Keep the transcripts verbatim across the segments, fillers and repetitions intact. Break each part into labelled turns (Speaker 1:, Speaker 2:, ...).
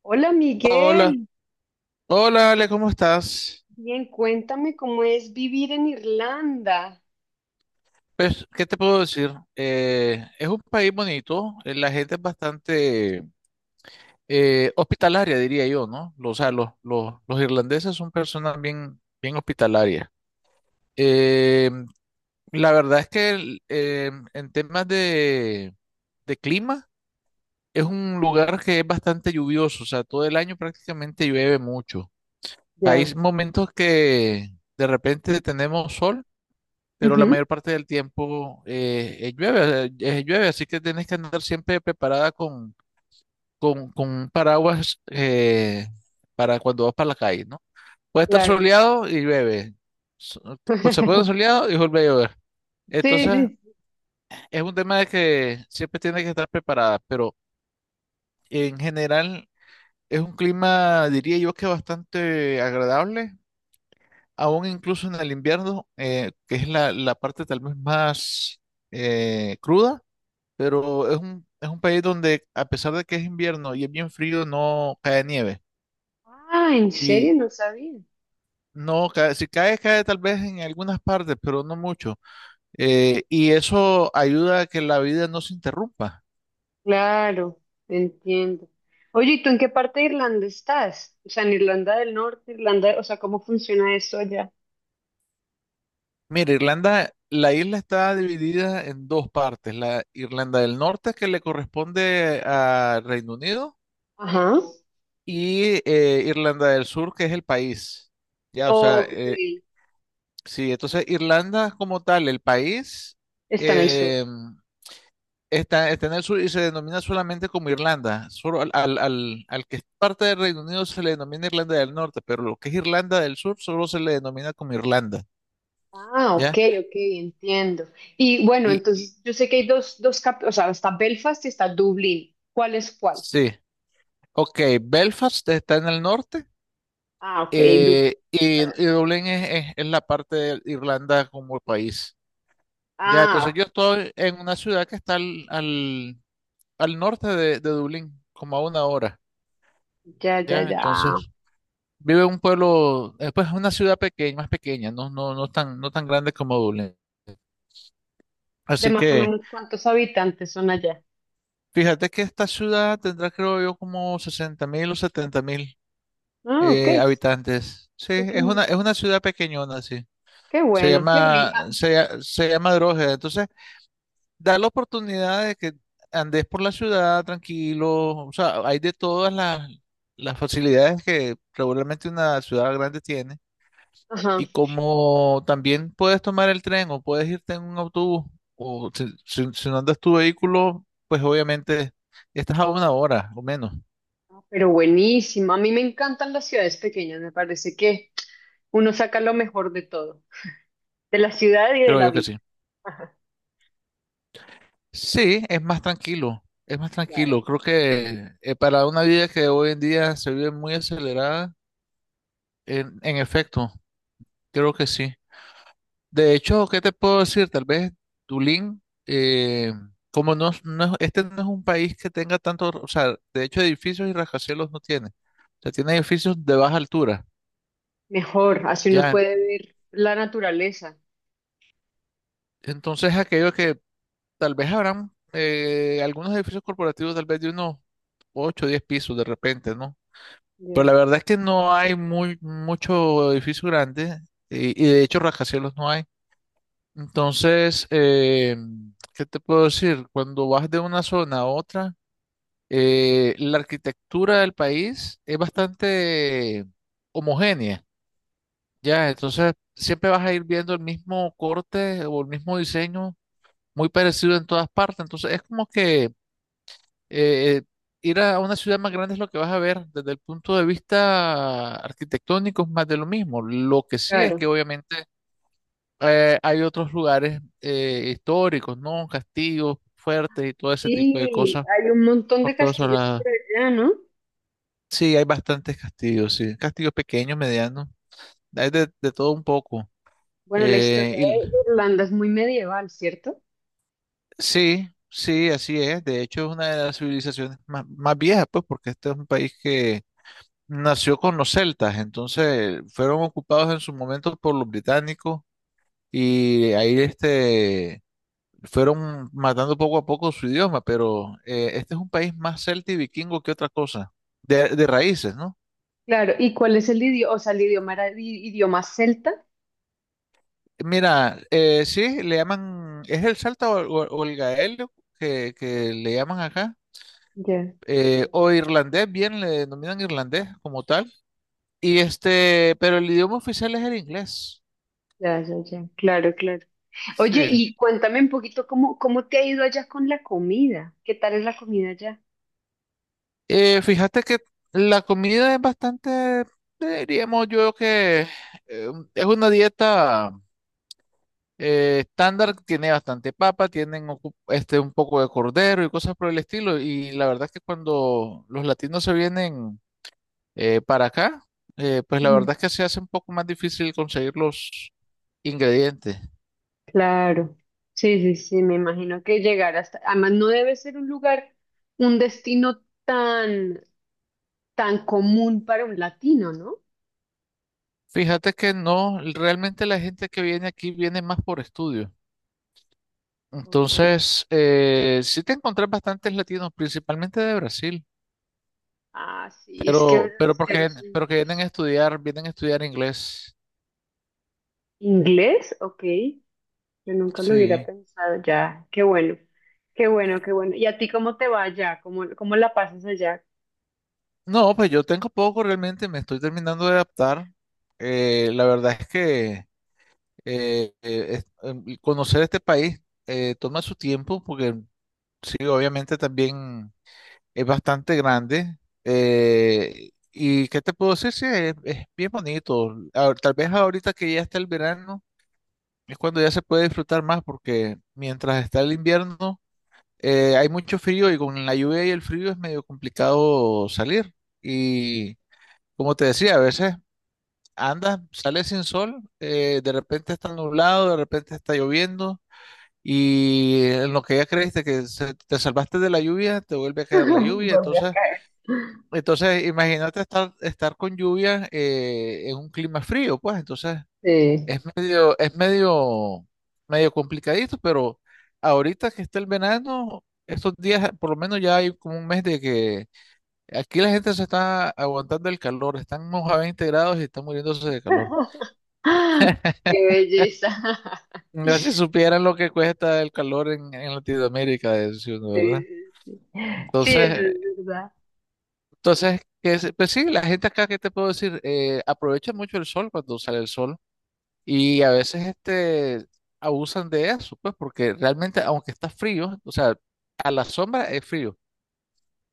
Speaker 1: Hola,
Speaker 2: Hola,
Speaker 1: Miguel.
Speaker 2: hola Ale, ¿cómo estás?
Speaker 1: Bien, cuéntame cómo es vivir en Irlanda.
Speaker 2: Pues, ¿qué te puedo decir? Eh, es un país bonito, eh, la gente es bastante eh, hospitalaria, diría yo, ¿no? Lo- O sea, los, los, los irlandeses son personas bien, bien hospitalarias. Eh, la verdad es que el- eh, en temas de, de clima, es un lugar que es bastante lluvioso, o sea, todo el año prácticamente llueve mucho. Hay
Speaker 1: Ya,
Speaker 2: momentos que de repente tenemos sol, pero la
Speaker 1: ujú,
Speaker 2: mayor parte del tiempo eh, eh, llueve, eh, llueve, así que tienes que andar siempre preparada con, con, con un paraguas eh, para cuando vas para la calle, ¿no? Puede estar
Speaker 1: claro.
Speaker 2: soleado y llueve. So- Pues se puede soleado y vuelve a llover.
Speaker 1: Sí,
Speaker 2: Entonces,
Speaker 1: sí.
Speaker 2: es un tema de que siempre tienes que estar preparada, pero en general es un clima, diría yo, que bastante agradable, aún incluso en el invierno, eh, que es la, la parte tal vez más eh, cruda. Pero es un, es un país donde, a pesar de que es invierno y es bien frío, no cae nieve.
Speaker 1: Ah, ¿en
Speaker 2: Y
Speaker 1: serio? No sabía.
Speaker 2: no cae, si cae, cae tal vez en algunas partes, pero no mucho. Eh, y eso ayuda a que la vida no se interrumpa.
Speaker 1: Claro, entiendo. Oye, ¿y tú en qué parte de Irlanda estás? O sea, ¿en Irlanda del Norte, Irlanda, o sea, cómo funciona eso allá?
Speaker 2: Mira, Irlanda, la isla está dividida en dos partes: la Irlanda del Norte, que le corresponde a Reino Unido,
Speaker 1: Ajá,
Speaker 2: y eh, Irlanda del Sur, que es el país. Ya, o sea,
Speaker 1: ok,
Speaker 2: eh, sí, entonces Irlanda como tal, el país.
Speaker 1: está en el sur.
Speaker 2: em, Está, está en el sur y se denomina solamente como Irlanda. Solo al, al, al- al que es parte del Reino Unido se le denomina Irlanda del Norte, pero lo que es Irlanda del Sur solo se le denomina como Irlanda,
Speaker 1: Ah, ok,
Speaker 2: ¿ya?
Speaker 1: ok, entiendo. Y bueno,
Speaker 2: Y
Speaker 1: entonces yo sé que hay dos, dos cap- o sea, está Belfast y está Dublín. ¿Cuál es cuál?
Speaker 2: sí, ok, Belfast está en el norte,
Speaker 1: Ah, ok. Du-
Speaker 2: eh, y, y Dublín es, es- es la parte de Irlanda como país, ¿ya? Entonces
Speaker 1: Ah,
Speaker 2: yo estoy en una ciudad que está al, al, al norte de, de Dublín, como a una hora,
Speaker 1: ya, ya,
Speaker 2: ¿ya? Entonces...
Speaker 1: ya.
Speaker 2: vive en un pueblo, eh, pues una ciudad pequeña, más pequeña, no, no, no tan, no tan grande como Dublín.
Speaker 1: De
Speaker 2: Así
Speaker 1: más o
Speaker 2: que
Speaker 1: menos cuántos habitantes son allá.
Speaker 2: fíjate que esta ciudad tendrá, creo yo, como sesenta mil o setenta mil
Speaker 1: Ah, ok,
Speaker 2: eh,
Speaker 1: sí,
Speaker 2: habitantes. Sí, es
Speaker 1: pequeño.
Speaker 2: una, es una ciudad pequeñona, sí.
Speaker 1: Qué
Speaker 2: Se
Speaker 1: bueno, qué
Speaker 2: llama,
Speaker 1: rico.
Speaker 2: se, lla- se llama Drogheda. Entonces, da la oportunidad de que andes por la ciudad tranquilo. O sea, hay de todas las, las facilidades que regularmente una ciudad grande tiene.
Speaker 1: Ajá,
Speaker 2: Y como también puedes tomar el tren o puedes irte en un autobús, o si, si- si no andas tu vehículo, pues obviamente estás a una hora o menos,
Speaker 1: pero buenísimo. A mí me encantan las ciudades pequeñas. Me parece que uno saca lo mejor de todo, de la ciudad y de
Speaker 2: creo
Speaker 1: la
Speaker 2: yo que
Speaker 1: vida.
Speaker 2: sí.
Speaker 1: Ajá,
Speaker 2: Sí, es más tranquilo, es más
Speaker 1: claro.
Speaker 2: tranquilo. Creo que eh, para una vida que hoy en día se vive muy acelerada, en, en efecto, creo que sí. De hecho, ¿qué te puedo decir? Tal vez Tulín, eh, como no, es- no es- este no es un país que tenga tanto, o sea, de hecho edificios y rascacielos no tiene. O sea, tiene edificios de baja altura.
Speaker 1: Mejor, así uno
Speaker 2: Ya,
Speaker 1: puede ver la naturaleza.
Speaker 2: entonces aquello que tal vez habrán eh, algunos edificios corporativos tal vez de unos ocho o diez pisos de repente, ¿no? Pero
Speaker 1: Ya,
Speaker 2: la verdad es que no hay muy, mucho edificio grande y, y de hecho rascacielos no hay. Entonces, eh, ¿qué te puedo decir? Cuando vas de una zona a otra, Eh, la arquitectura del país es bastante homogénea, ya, entonces siempre vas a ir viendo el mismo corte o el mismo diseño muy parecido en todas partes, entonces es como que eh, ir a una ciudad más grande es lo que vas a ver desde el punto de vista arquitectónico, es más de lo mismo. Lo que sí es
Speaker 1: claro.
Speaker 2: que obviamente eh, hay otros lugares eh, históricos, ¿no? Castillos fuertes y todo ese tipo de
Speaker 1: Sí,
Speaker 2: cosas
Speaker 1: hay un montón de
Speaker 2: por todas.
Speaker 1: castillos por allá, ¿no?
Speaker 2: Sí, hay bastantes castillos, sí. Castillos pequeños, medianos. Hay de, de todo un poco.
Speaker 1: Bueno, la
Speaker 2: Eh,
Speaker 1: historia
Speaker 2: y,
Speaker 1: de Irlanda es muy medieval, ¿cierto?
Speaker 2: sí, sí, así es. De hecho, es una de las civilizaciones más, más viejas, pues, porque este es un país que nació con los celtas. Entonces, fueron ocupados en su momento por los británicos y ahí este, fueron matando poco a poco su idioma. Pero eh, este es un país más celta y vikingo que otra cosa. De, de raíces, ¿no?
Speaker 1: Claro, ¿y cuál es el idioma? O sea, el idioma era i- idioma celta.
Speaker 2: Mira, eh, sí, le llaman, es el Salta o, o- o el gaelio que, que le llaman acá,
Speaker 1: Ya,
Speaker 2: eh, o irlandés, bien le denominan irlandés como tal, y este, pero el idioma oficial es el inglés,
Speaker 1: ya, ya, ya. Claro, claro. Oye,
Speaker 2: sí.
Speaker 1: y cuéntame un poquito cómo, cómo te ha ido allá con la comida. ¿Qué tal es la comida allá?
Speaker 2: Eh, fíjate que la comida es bastante, diríamos yo que eh, es una dieta eh, estándar, tiene bastante papa, tienen ocu- este, un poco de cordero y cosas por el estilo, y la verdad es que cuando los latinos se vienen Eh, para acá, eh, pues la
Speaker 1: Ujú.
Speaker 2: verdad es que se hace un poco más difícil conseguir los ingredientes.
Speaker 1: Claro. Sí, sí, sí, me imagino que llegar hasta, además no debe ser un lugar, un destino tan, tan común para un latino, ¿no?
Speaker 2: Fíjate que no, realmente la gente que viene aquí viene más por estudio.
Speaker 1: Ok.
Speaker 2: Entonces, eh, sí te encontrás bastantes latinos, principalmente de Brasil,
Speaker 1: Ah, sí, es que los
Speaker 2: pero, pero porque,
Speaker 1: brasileños son
Speaker 2: pero que vienen a
Speaker 1: muchos.
Speaker 2: estudiar, vienen a estudiar inglés.
Speaker 1: ¿Inglés? Ok. Yo nunca lo hubiera
Speaker 2: Sí.
Speaker 1: pensado ya. Qué bueno, qué bueno, qué bueno. ¿Y a ti cómo te va allá? ¿Cómo, cómo la pasas allá?
Speaker 2: No, pues yo tengo poco realmente, me estoy terminando de adaptar. Eh, la verdad es que eh, eh, es- em, conocer este país eh, toma su tiempo porque sí, obviamente también es bastante grande. Eh, ¿y qué te puedo decir? Sí, es, es bien bonito. Ah, tal vez ahorita que ya está el verano, es cuando ya se puede disfrutar más, porque mientras está el invierno, eh, hay mucho frío y con la lluvia y el frío es medio complicado salir. Y como te decía, a veces andas, sales sin sol, eh, de repente está nublado, de repente está lloviendo. Y en lo que ya creíste que se- te salvaste de la lluvia, te vuelve a caer la lluvia.
Speaker 1: Volví a
Speaker 2: Entonces,
Speaker 1: caer.
Speaker 2: entonces imagínate estar, estar con lluvia eh, en un clima frío, pues. Entonces,
Speaker 1: Sí.
Speaker 2: es medio, es medio, medio complicadito, pero ahorita que está el verano, estos días, por lo menos ya hay como un mes de que aquí la gente se está aguantando el calor, estamos a veinte grados y están muriéndose de calor.
Speaker 1: Qué belleza.
Speaker 2: No, si supieran lo que cuesta el calor en, en Latinoamérica, de
Speaker 1: Sí,
Speaker 2: ¿verdad?
Speaker 1: sí, sí. Sí, eso
Speaker 2: Entonces,
Speaker 1: es verdad.
Speaker 2: Entonces, que, se- pues sí, la gente acá, ¿qué te puedo decir? Eh, aprovecha mucho el sol cuando sale el sol y a veces este, abusan de eso, pues porque realmente aunque está frío, o sea, a la sombra es frío,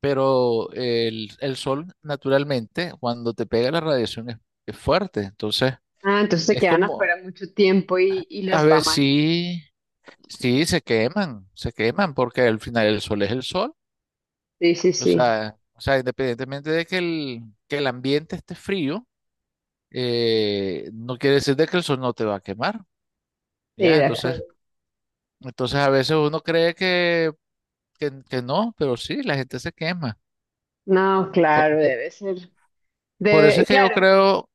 Speaker 2: pero el, el sol naturalmente cuando te pega la radiación es, es fuerte, entonces
Speaker 1: Ah, entonces se
Speaker 2: es
Speaker 1: quedan
Speaker 2: como,
Speaker 1: afuera mucho tiempo y, y
Speaker 2: a
Speaker 1: les va
Speaker 2: ver
Speaker 1: mal.
Speaker 2: si, sí, sí, se queman, se queman porque al final el sol es el sol,
Speaker 1: Sí, sí,
Speaker 2: o
Speaker 1: sí.
Speaker 2: sea, o sea, independientemente de que el, que el ambiente esté frío. Eh, no quiere decir de que el sol no te va a quemar,
Speaker 1: Sí,
Speaker 2: ¿ya?
Speaker 1: de acuerdo.
Speaker 2: Entonces, entonces a veces uno cree que, que, que no, pero sí, la gente se quema.
Speaker 1: No,
Speaker 2: Por,
Speaker 1: claro, debe ser.
Speaker 2: por eso
Speaker 1: Debe,
Speaker 2: es que yo
Speaker 1: claro,
Speaker 2: creo,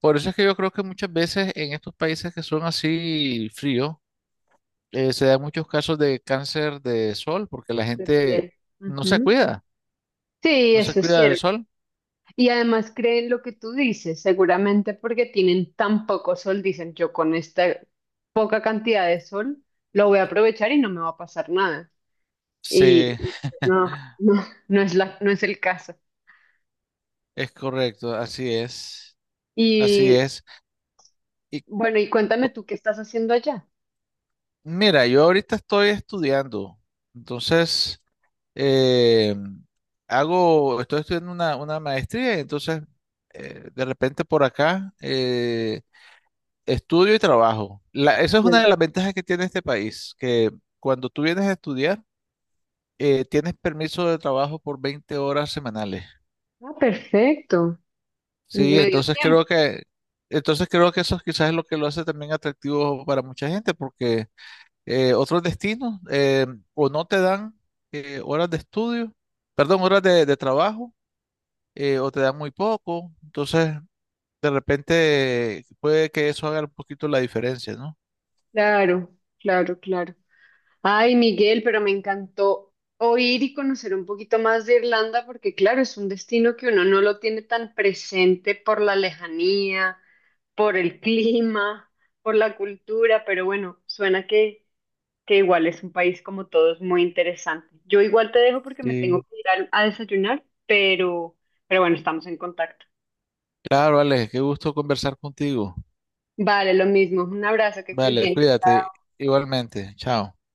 Speaker 2: por eso es que yo creo que muchas veces en estos países que son así fríos, eh, se dan muchos casos de cáncer de sol, porque la
Speaker 1: de
Speaker 2: gente
Speaker 1: piel.
Speaker 2: no se
Speaker 1: Ujú.
Speaker 2: cuida,
Speaker 1: Sí,
Speaker 2: no se
Speaker 1: eso es
Speaker 2: cuida del
Speaker 1: cierto.
Speaker 2: sol.
Speaker 1: Y además creen lo que tú dices, seguramente porque tienen tan poco sol, dicen yo con esta poca cantidad de sol lo voy a aprovechar y no me va a pasar nada. Y
Speaker 2: Sí,
Speaker 1: no, no, no es la, no es el caso.
Speaker 2: es correcto, así es, así
Speaker 1: Y
Speaker 2: es. Y
Speaker 1: bueno, y cuéntame
Speaker 2: co-
Speaker 1: tú qué estás haciendo allá.
Speaker 2: Mira, yo ahorita estoy estudiando, entonces... eh, hago, estoy estudiando una, una maestría y entonces eh, de repente por acá eh, estudio y trabajo. La- esa es una
Speaker 1: Sí.
Speaker 2: de las ventajas que tiene este país, que cuando tú vienes a estudiar, eh, tienes permiso de trabajo por veinte horas semanales.
Speaker 1: Ah, perfecto.
Speaker 2: Sí,
Speaker 1: Medio
Speaker 2: entonces
Speaker 1: tiempo.
Speaker 2: creo que, entonces creo que eso quizás es lo que lo hace también atractivo para mucha gente, porque eh, otros destinos eh, o no te dan eh, horas de estudio, perdón, horas de, de trabajo eh, o te dan muy poco. Entonces, de repente puede que eso haga un poquito la diferencia, ¿no?
Speaker 1: Claro, claro, claro. Ay, Miguel, pero me encantó oír y conocer un poquito más de Irlanda porque, claro, es un destino que uno no lo tiene tan presente por la lejanía, por el clima, por la cultura, pero bueno, suena que, que igual es un país como todos muy interesante. Yo igual te dejo porque me tengo
Speaker 2: Sí.
Speaker 1: que ir a, a desayunar, pero, pero bueno, estamos en contacto.
Speaker 2: Claro, Alex, qué gusto conversar contigo.
Speaker 1: Vale, lo mismo. Un abrazo, que estés
Speaker 2: Vale,
Speaker 1: bien.
Speaker 2: cuídate igualmente. Chao.